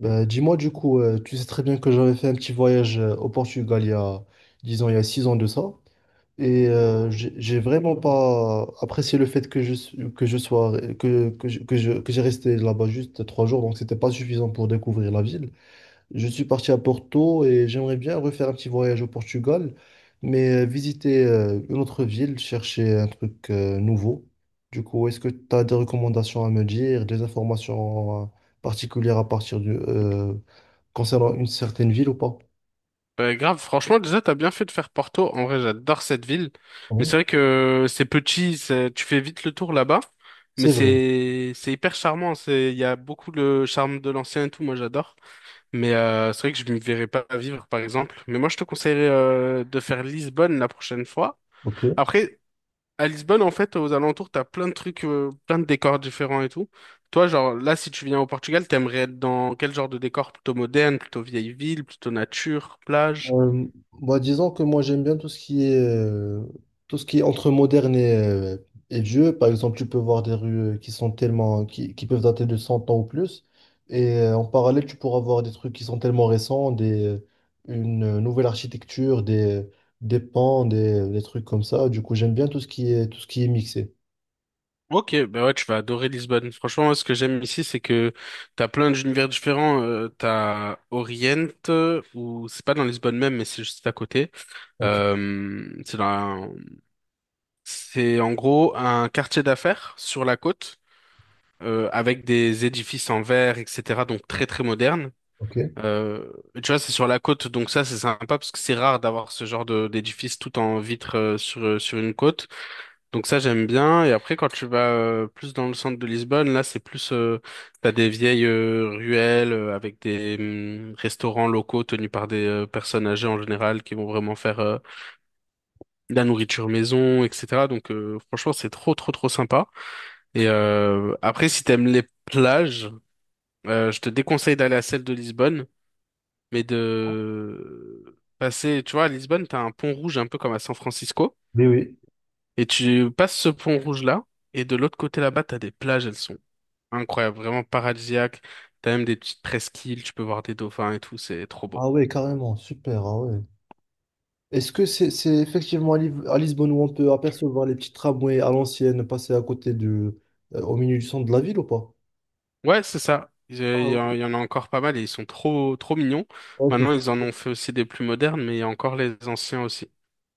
Bah, dis-moi du coup, tu sais très bien que j'avais fait un petit voyage au Portugal il y a, disons, il y a 6 ans de ça. Et j'ai vraiment pas apprécié le fait que j'ai resté là-bas juste 3 jours, donc c'était pas suffisant pour découvrir la ville. Je suis parti à Porto et j'aimerais bien refaire un petit voyage au Portugal, mais visiter une autre ville, chercher un truc nouveau. Du coup, est-ce que tu as des recommandations à me dire, des informations particulières concernant une certaine ville ou pas? Ouais, grave, franchement, déjà, t'as bien fait de faire Porto. En vrai, j'adore cette ville. Mais c'est Oui, vrai que c'est petit, tu fais vite le tour là-bas. Mais c'est vrai, c'est hyper charmant. C'est il y a beaucoup le charme de l'ancien et tout. Moi, j'adore. Mais c'est vrai que je ne me verrais pas vivre, par exemple. Mais moi, je te conseillerais de faire Lisbonne la prochaine fois. ok. Après, à Lisbonne, en fait, aux alentours, t'as plein de trucs, plein de décors différents et tout. Toi, genre là, si tu viens au Portugal, t'aimerais être dans quel genre de décor? Plutôt moderne, plutôt vieille ville, plutôt nature, plage? Euh, Bah, disons que moi j'aime bien tout ce qui est tout ce qui est entre moderne et vieux. Par exemple, tu peux voir des rues qui sont tellement qui peuvent dater de 100 ans ou plus. Et en parallèle, tu pourras voir des trucs qui sont tellement récents, des une nouvelle architecture, des pans, des trucs comme ça. Du coup, j'aime bien tout ce qui est mixé. Ok, bah ouais, tu vas adorer Lisbonne. Franchement, moi, ce que j'aime ici, c'est que t'as plein d'univers différents. T'as Orient, ou c'est pas dans Lisbonne même, mais c'est juste à côté. Ok, Euh, c'est dans un- c'est en gros un quartier d'affaires sur la côte, avec des édifices en verre, etc. Donc très très moderne. ok. Euh, Tu vois, c'est sur la côte, donc ça c'est sympa parce que c'est rare d'avoir ce genre de d'édifice tout en vitre sur sur une côte. Donc ça j'aime bien et après quand tu vas plus dans le centre de Lisbonne là c'est plus t'as des vieilles ruelles avec des restaurants locaux tenus par des personnes âgées en général qui vont vraiment faire de la nourriture maison etc donc franchement c'est trop trop trop sympa et après si t'aimes les plages je te déconseille d'aller à celle de Lisbonne mais de passer tu vois à Lisbonne t'as un pont rouge un peu comme à San Francisco Oui, oui. et tu passes ce pont rouge là et de l'autre côté là-bas, t'as des plages, elles sont incroyable, vraiment paradisiaque. T'as même des petites presqu'îles, tu peux voir des dauphins et tout, c'est trop beau. Ah ouais, carrément, super. Ah ouais. Est-ce que c'est effectivement à Lisbonne où on peut apercevoir les petits tramways à l'ancienne passer à côté au milieu du centre de la ville ou pas? Ouais, c'est ça. Ah, il y en ok. il y en a encore pas mal et ils sont trop, trop mignons. Ouais, Maintenant, ils en ont fait aussi des plus modernes, mais il y a encore les anciens aussi.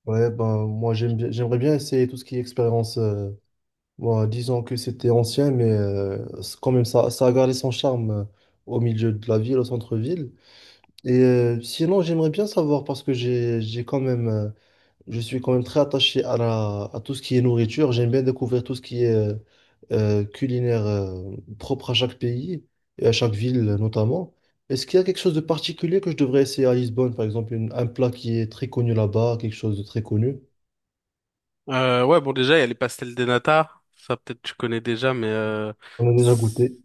ouais, ben, moi j'aimerais bien essayer tout ce qui est expérience. Bon, disons que c'était ancien, mais c'est quand même ça, ça a gardé son charme au milieu de la ville, au centre-ville. Et sinon, j'aimerais bien savoir parce que j'ai quand même Je suis quand même très attaché à tout ce qui est nourriture. J'aime bien découvrir tout ce qui est culinaire propre à chaque pays et à chaque ville notamment. Est-ce qu'il y a quelque chose de particulier que je devrais essayer à Lisbonne, par exemple, un plat qui est très connu là-bas, quelque chose de très connu? Ouais, bon, déjà, il y a les pastels des nata. Ça, peut-être, tu connais déjà, mais On a déjà goûté.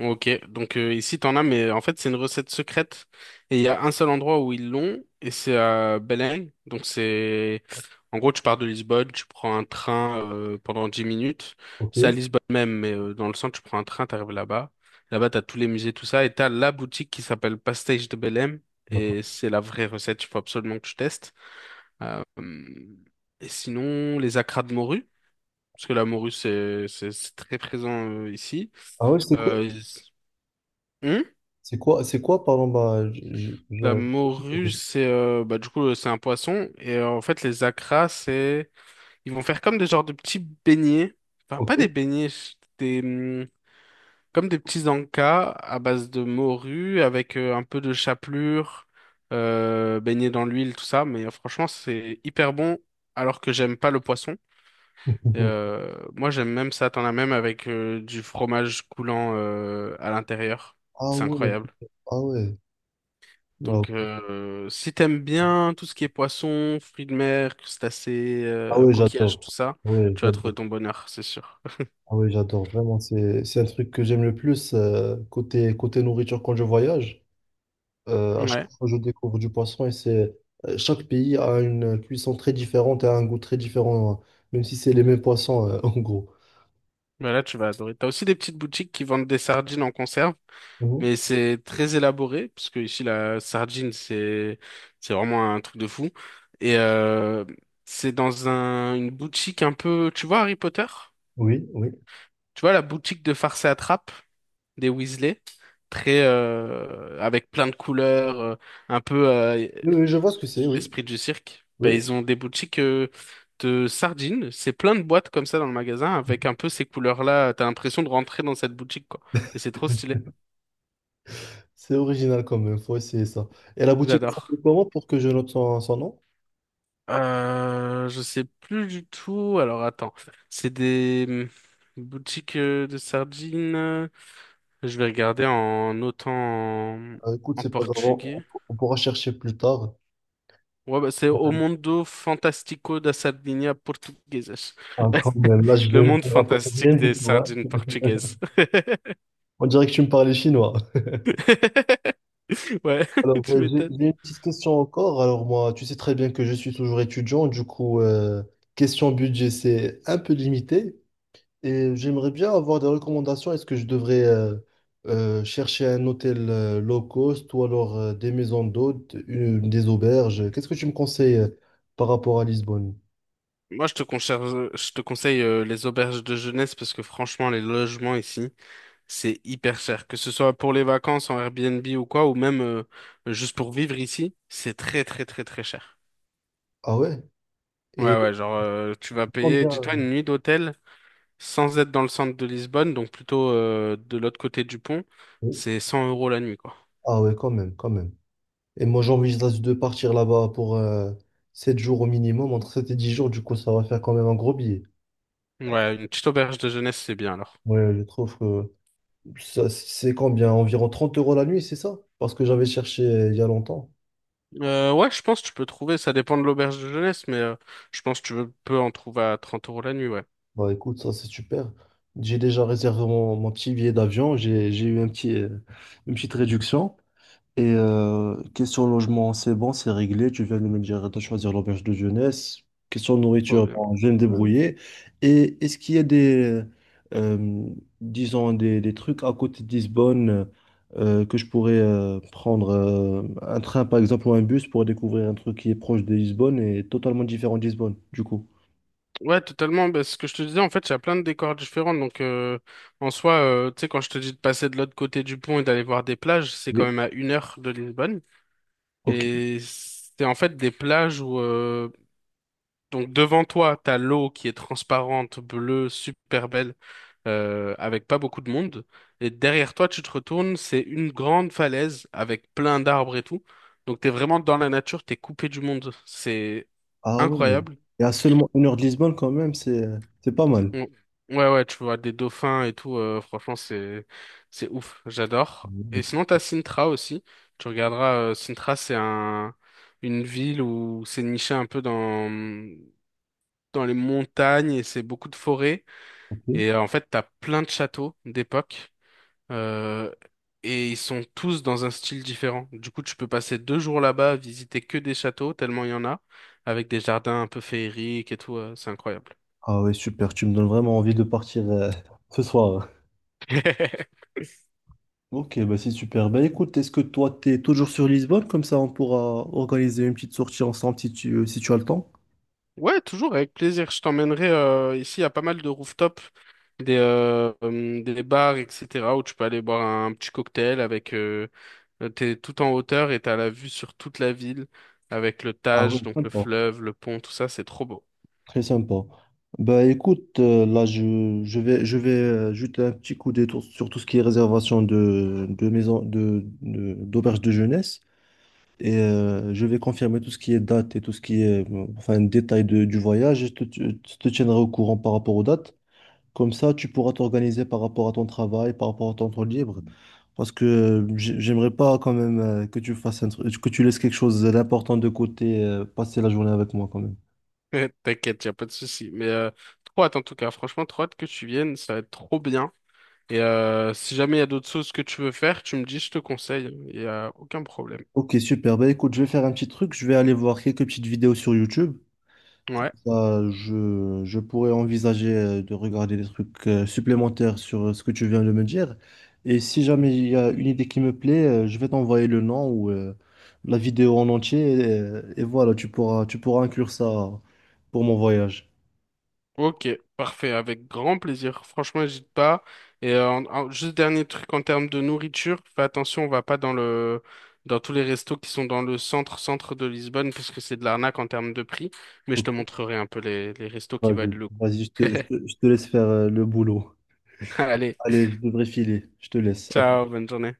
ok, donc ici t'en as, mais en fait c'est une recette secrète et il y a un seul endroit où ils l'ont et c'est à Belém. Donc c'est, en gros tu pars de Lisbonne, tu prends un train pendant 10 minutes. Ok, C'est à Lisbonne même, mais dans le centre tu prends un train, t'arrives là-bas. Là-bas t'as tous les musées, tout ça et t'as la boutique qui s'appelle Pastéis de Belém et d'accord. c'est la vraie recette. Il faut absolument que tu testes. Hum, Et sinon les acras de morue, parce que la morue c'est très présent ici. Ah ouais, c'est quoi? Euh, C'est quoi? C'est quoi? Pardon, bah, La je- morue, c'est c'est un poisson. Et en fait, les acras, c'est. Ils vont faire comme des genres de petits beignets. Enfin, Ok. pas des beignets, ch- des. Comme des petits ancas à base de morue, avec un peu de chapelure, baignés dans l'huile, tout ça. Mais franchement, c'est hyper bon, alors que j'aime pas le poisson. Et, euh, moi, j'aime même ça. T'en as même avec du fromage coulant à l'intérieur. Ah C'est ouais, incroyable. ah ouais. Wow. Donc, si t'aimes bien tout ce qui est poisson, fruits de mer, crustacés, Ah ouais, coquillages, tout j'adore. ça, Ouais, tu vas trouver j'adore. ton bonheur, c'est sûr. Ah oui, j'adore vraiment. C'est un truc que j'aime le plus côté nourriture quand je voyage. À Ouais, chaque fois, je découvre du poisson et c'est chaque pays a une cuisson très différente et a un goût très différent, hein, même si c'est les mêmes poissons en gros. bah là, tu vas adorer. T'as aussi des petites boutiques qui vendent des sardines en conserve, Mhm. mais c'est très élaboré, parce que ici, la sardine, c'est vraiment un truc de fou. Et euh, c'est dans une boutique un peu... Tu vois Harry Potter? Oui, oui. Tu vois la boutique de farce et attrape? Des Weasley, très avec plein de couleurs, un peu Oui, oui, je vois ce que c'est, oui. l'esprit du cirque. Ben, Oui. ils ont des boutiques de sardines, c'est plein de boîtes comme ça dans le magasin avec un peu ces couleurs-là. T'as l'impression de rentrer dans cette boutique quoi, et c'est trop stylé. C'est original quand même, faut essayer ça. Et la boutique, elle s'appelle J'adore. comment pour que je note son nom? Je sais plus du tout. Alors attends, c'est des boutiques de sardines. Je vais regarder en notant en, Écoute, en c'est pas grave, on, portugais. on pourra chercher plus tard. Ouais, bah, c'est O Mundo Fantástico da Sardinha Portuguesas. Ah, quand même, là, Le monde je me rappelle fantastique rien des du tout. Hein. sardines portugaises. On dirait que tu me parlais chinois. Ouais, Alors, tu j'ai m'étonnes. j'ai une petite question encore. Alors, moi, tu sais très bien que je suis toujours étudiant. Du coup, question budget, c'est un peu limité. Et j'aimerais bien avoir des recommandations. Est-ce que je devrais chercher un hôtel low cost ou alors des maisons d'hôtes, des auberges? Qu'est-ce que tu me conseilles par rapport à Lisbonne? Moi, je te conseille les auberges de jeunesse parce que franchement, les logements ici, c'est hyper cher. Que ce soit pour les vacances en Airbnb ou quoi, ou même juste pour vivre ici, c'est très, très, très, très cher. Ah ouais? Ouais, Et ouais, genre, tu vas payer, combien? dis-toi, une nuit d'hôtel sans être dans le centre de Lisbonne, donc plutôt de l'autre côté du pont, c'est 100 € la nuit, quoi. Ah ouais, quand même, quand même. Et moi, j'envisage de partir là-bas pour 7 jours au minimum, entre 7 et 10 jours. Du coup, ça va faire quand même un gros billet. Ouais, une petite auberge de jeunesse, c'est bien alors. Ouais, je trouve que ça, c'est combien? Environ 30 € la nuit, c'est ça? Parce que j'avais cherché il y a longtemps. Ouais, je pense que tu peux trouver, ça dépend de l'auberge de jeunesse, mais je pense que peux en trouver à 30 € la nuit, ouais. Bah écoute, ça c'est super. J'ai déjà réservé mon petit billet d'avion, j'ai eu une petite réduction. Et question logement, c'est bon, c'est réglé. Tu viens de me dire de choisir l'auberge de jeunesse. Question Ouais, nourriture, bien. bon, je vais me débrouiller. Et est-ce qu'il y a euh, disons, des trucs à côté de Lisbonne que je pourrais prendre un train, par exemple, ou un bus pour découvrir un truc qui est proche de Lisbonne et totalement différent de Lisbonne, du coup? Ouais, totalement. Bah, ce que je te disais, en fait, il y a plein de décors différents. Donc, en soi, tu sais, quand je te dis de passer de l'autre côté du pont et d'aller voir des plages, c'est quand Oui. même à 1 heure de Lisbonne. Ok. Et c'est en fait des plages où donc devant toi, t'as l'eau qui est transparente, bleue, super belle, avec pas beaucoup de monde. Et derrière toi, tu te retournes, c'est une grande falaise avec plein d'arbres et tout. Donc t'es vraiment dans la nature, t'es coupé du monde. C'est Ah ouais. incroyable. Et à seulement 1 heure de Lisbonne quand même, c'est pas mal. On- Ouais, ouais, tu vois des dauphins et tout. Franchement, c'est ouf. J'adore. Et Ouais. sinon, t'as Sintra aussi. Tu regarderas. Sintra, c'est un une ville où c'est niché un peu dans les montagnes et c'est beaucoup de forêts. En fait, t'as plein de châteaux d'époque euh, et ils sont tous dans un style différent. Du coup, tu peux passer 2 jours là-bas à visiter que des châteaux, tellement il y en a, avec des jardins un peu féeriques et tout. C'est incroyable. Ah ouais, super, tu me donnes vraiment envie de partir ce soir. Ok, bah c'est super. Bah écoute, est-ce que toi, t'es toujours sur Lisbonne? Comme ça, on pourra organiser une petite sortie ensemble si tu as le temps. Ouais, toujours avec plaisir. Je t'emmènerai ici à pas mal de rooftops, des bars, etc., où tu peux aller boire un petit cocktail avec. T'es tout en hauteur et t'as la vue sur toute la ville avec le Ah oui, Tage, donc le sympa, fleuve, le pont, tout ça. C'est trop beau. très sympa. Bah écoute, là je vais jeter un petit coup d'œil sur tout ce qui est réservation de maison de- d'auberge de jeunesse. Et je vais confirmer tout ce qui est date et tout ce qui est enfin, détail du voyage. Je te tiendrai au courant par rapport aux dates. Comme ça, tu pourras t'organiser par rapport à ton travail, par rapport à ton temps libre. Parce que j'aimerais pas quand même que tu fasses un truc, que tu laisses quelque chose d'important de côté, passer la journée avec moi quand même. T'inquiète, y a pas de souci. Trop hâte en tout cas. Franchement, trop hâte que tu viennes, ça va être trop bien. Et si jamais il y a d'autres choses que tu veux faire, tu me dis, je te conseille. Il y a aucun problème. Ok, super. Bah écoute, je vais faire un petit truc. Je vais aller voir quelques petites vidéos sur YouTube. Comme Ouais. ça, je pourrais envisager de regarder des trucs supplémentaires sur ce que tu viens de me dire. Et si jamais il y a une idée qui me plaît, je vais t'envoyer le nom ou la vidéo en entier. Et voilà, tu pourras inclure ça pour mon voyage. Ok, parfait, avec grand plaisir. Franchement, n'hésite pas. En- juste dernier truc en termes de nourriture, fais attention, on va pas dans le dans tous les restos qui sont dans le centre de Lisbonne parce que c'est de l'arnaque en termes de prix. Mais je Ok, te montrerai un peu les restos qui vas-y, valent le coup. vas-y, je te, je te je te laisse faire le boulot. Allez, Allez, je devrais filer. Je te laisse. À tout ciao, bonne journée.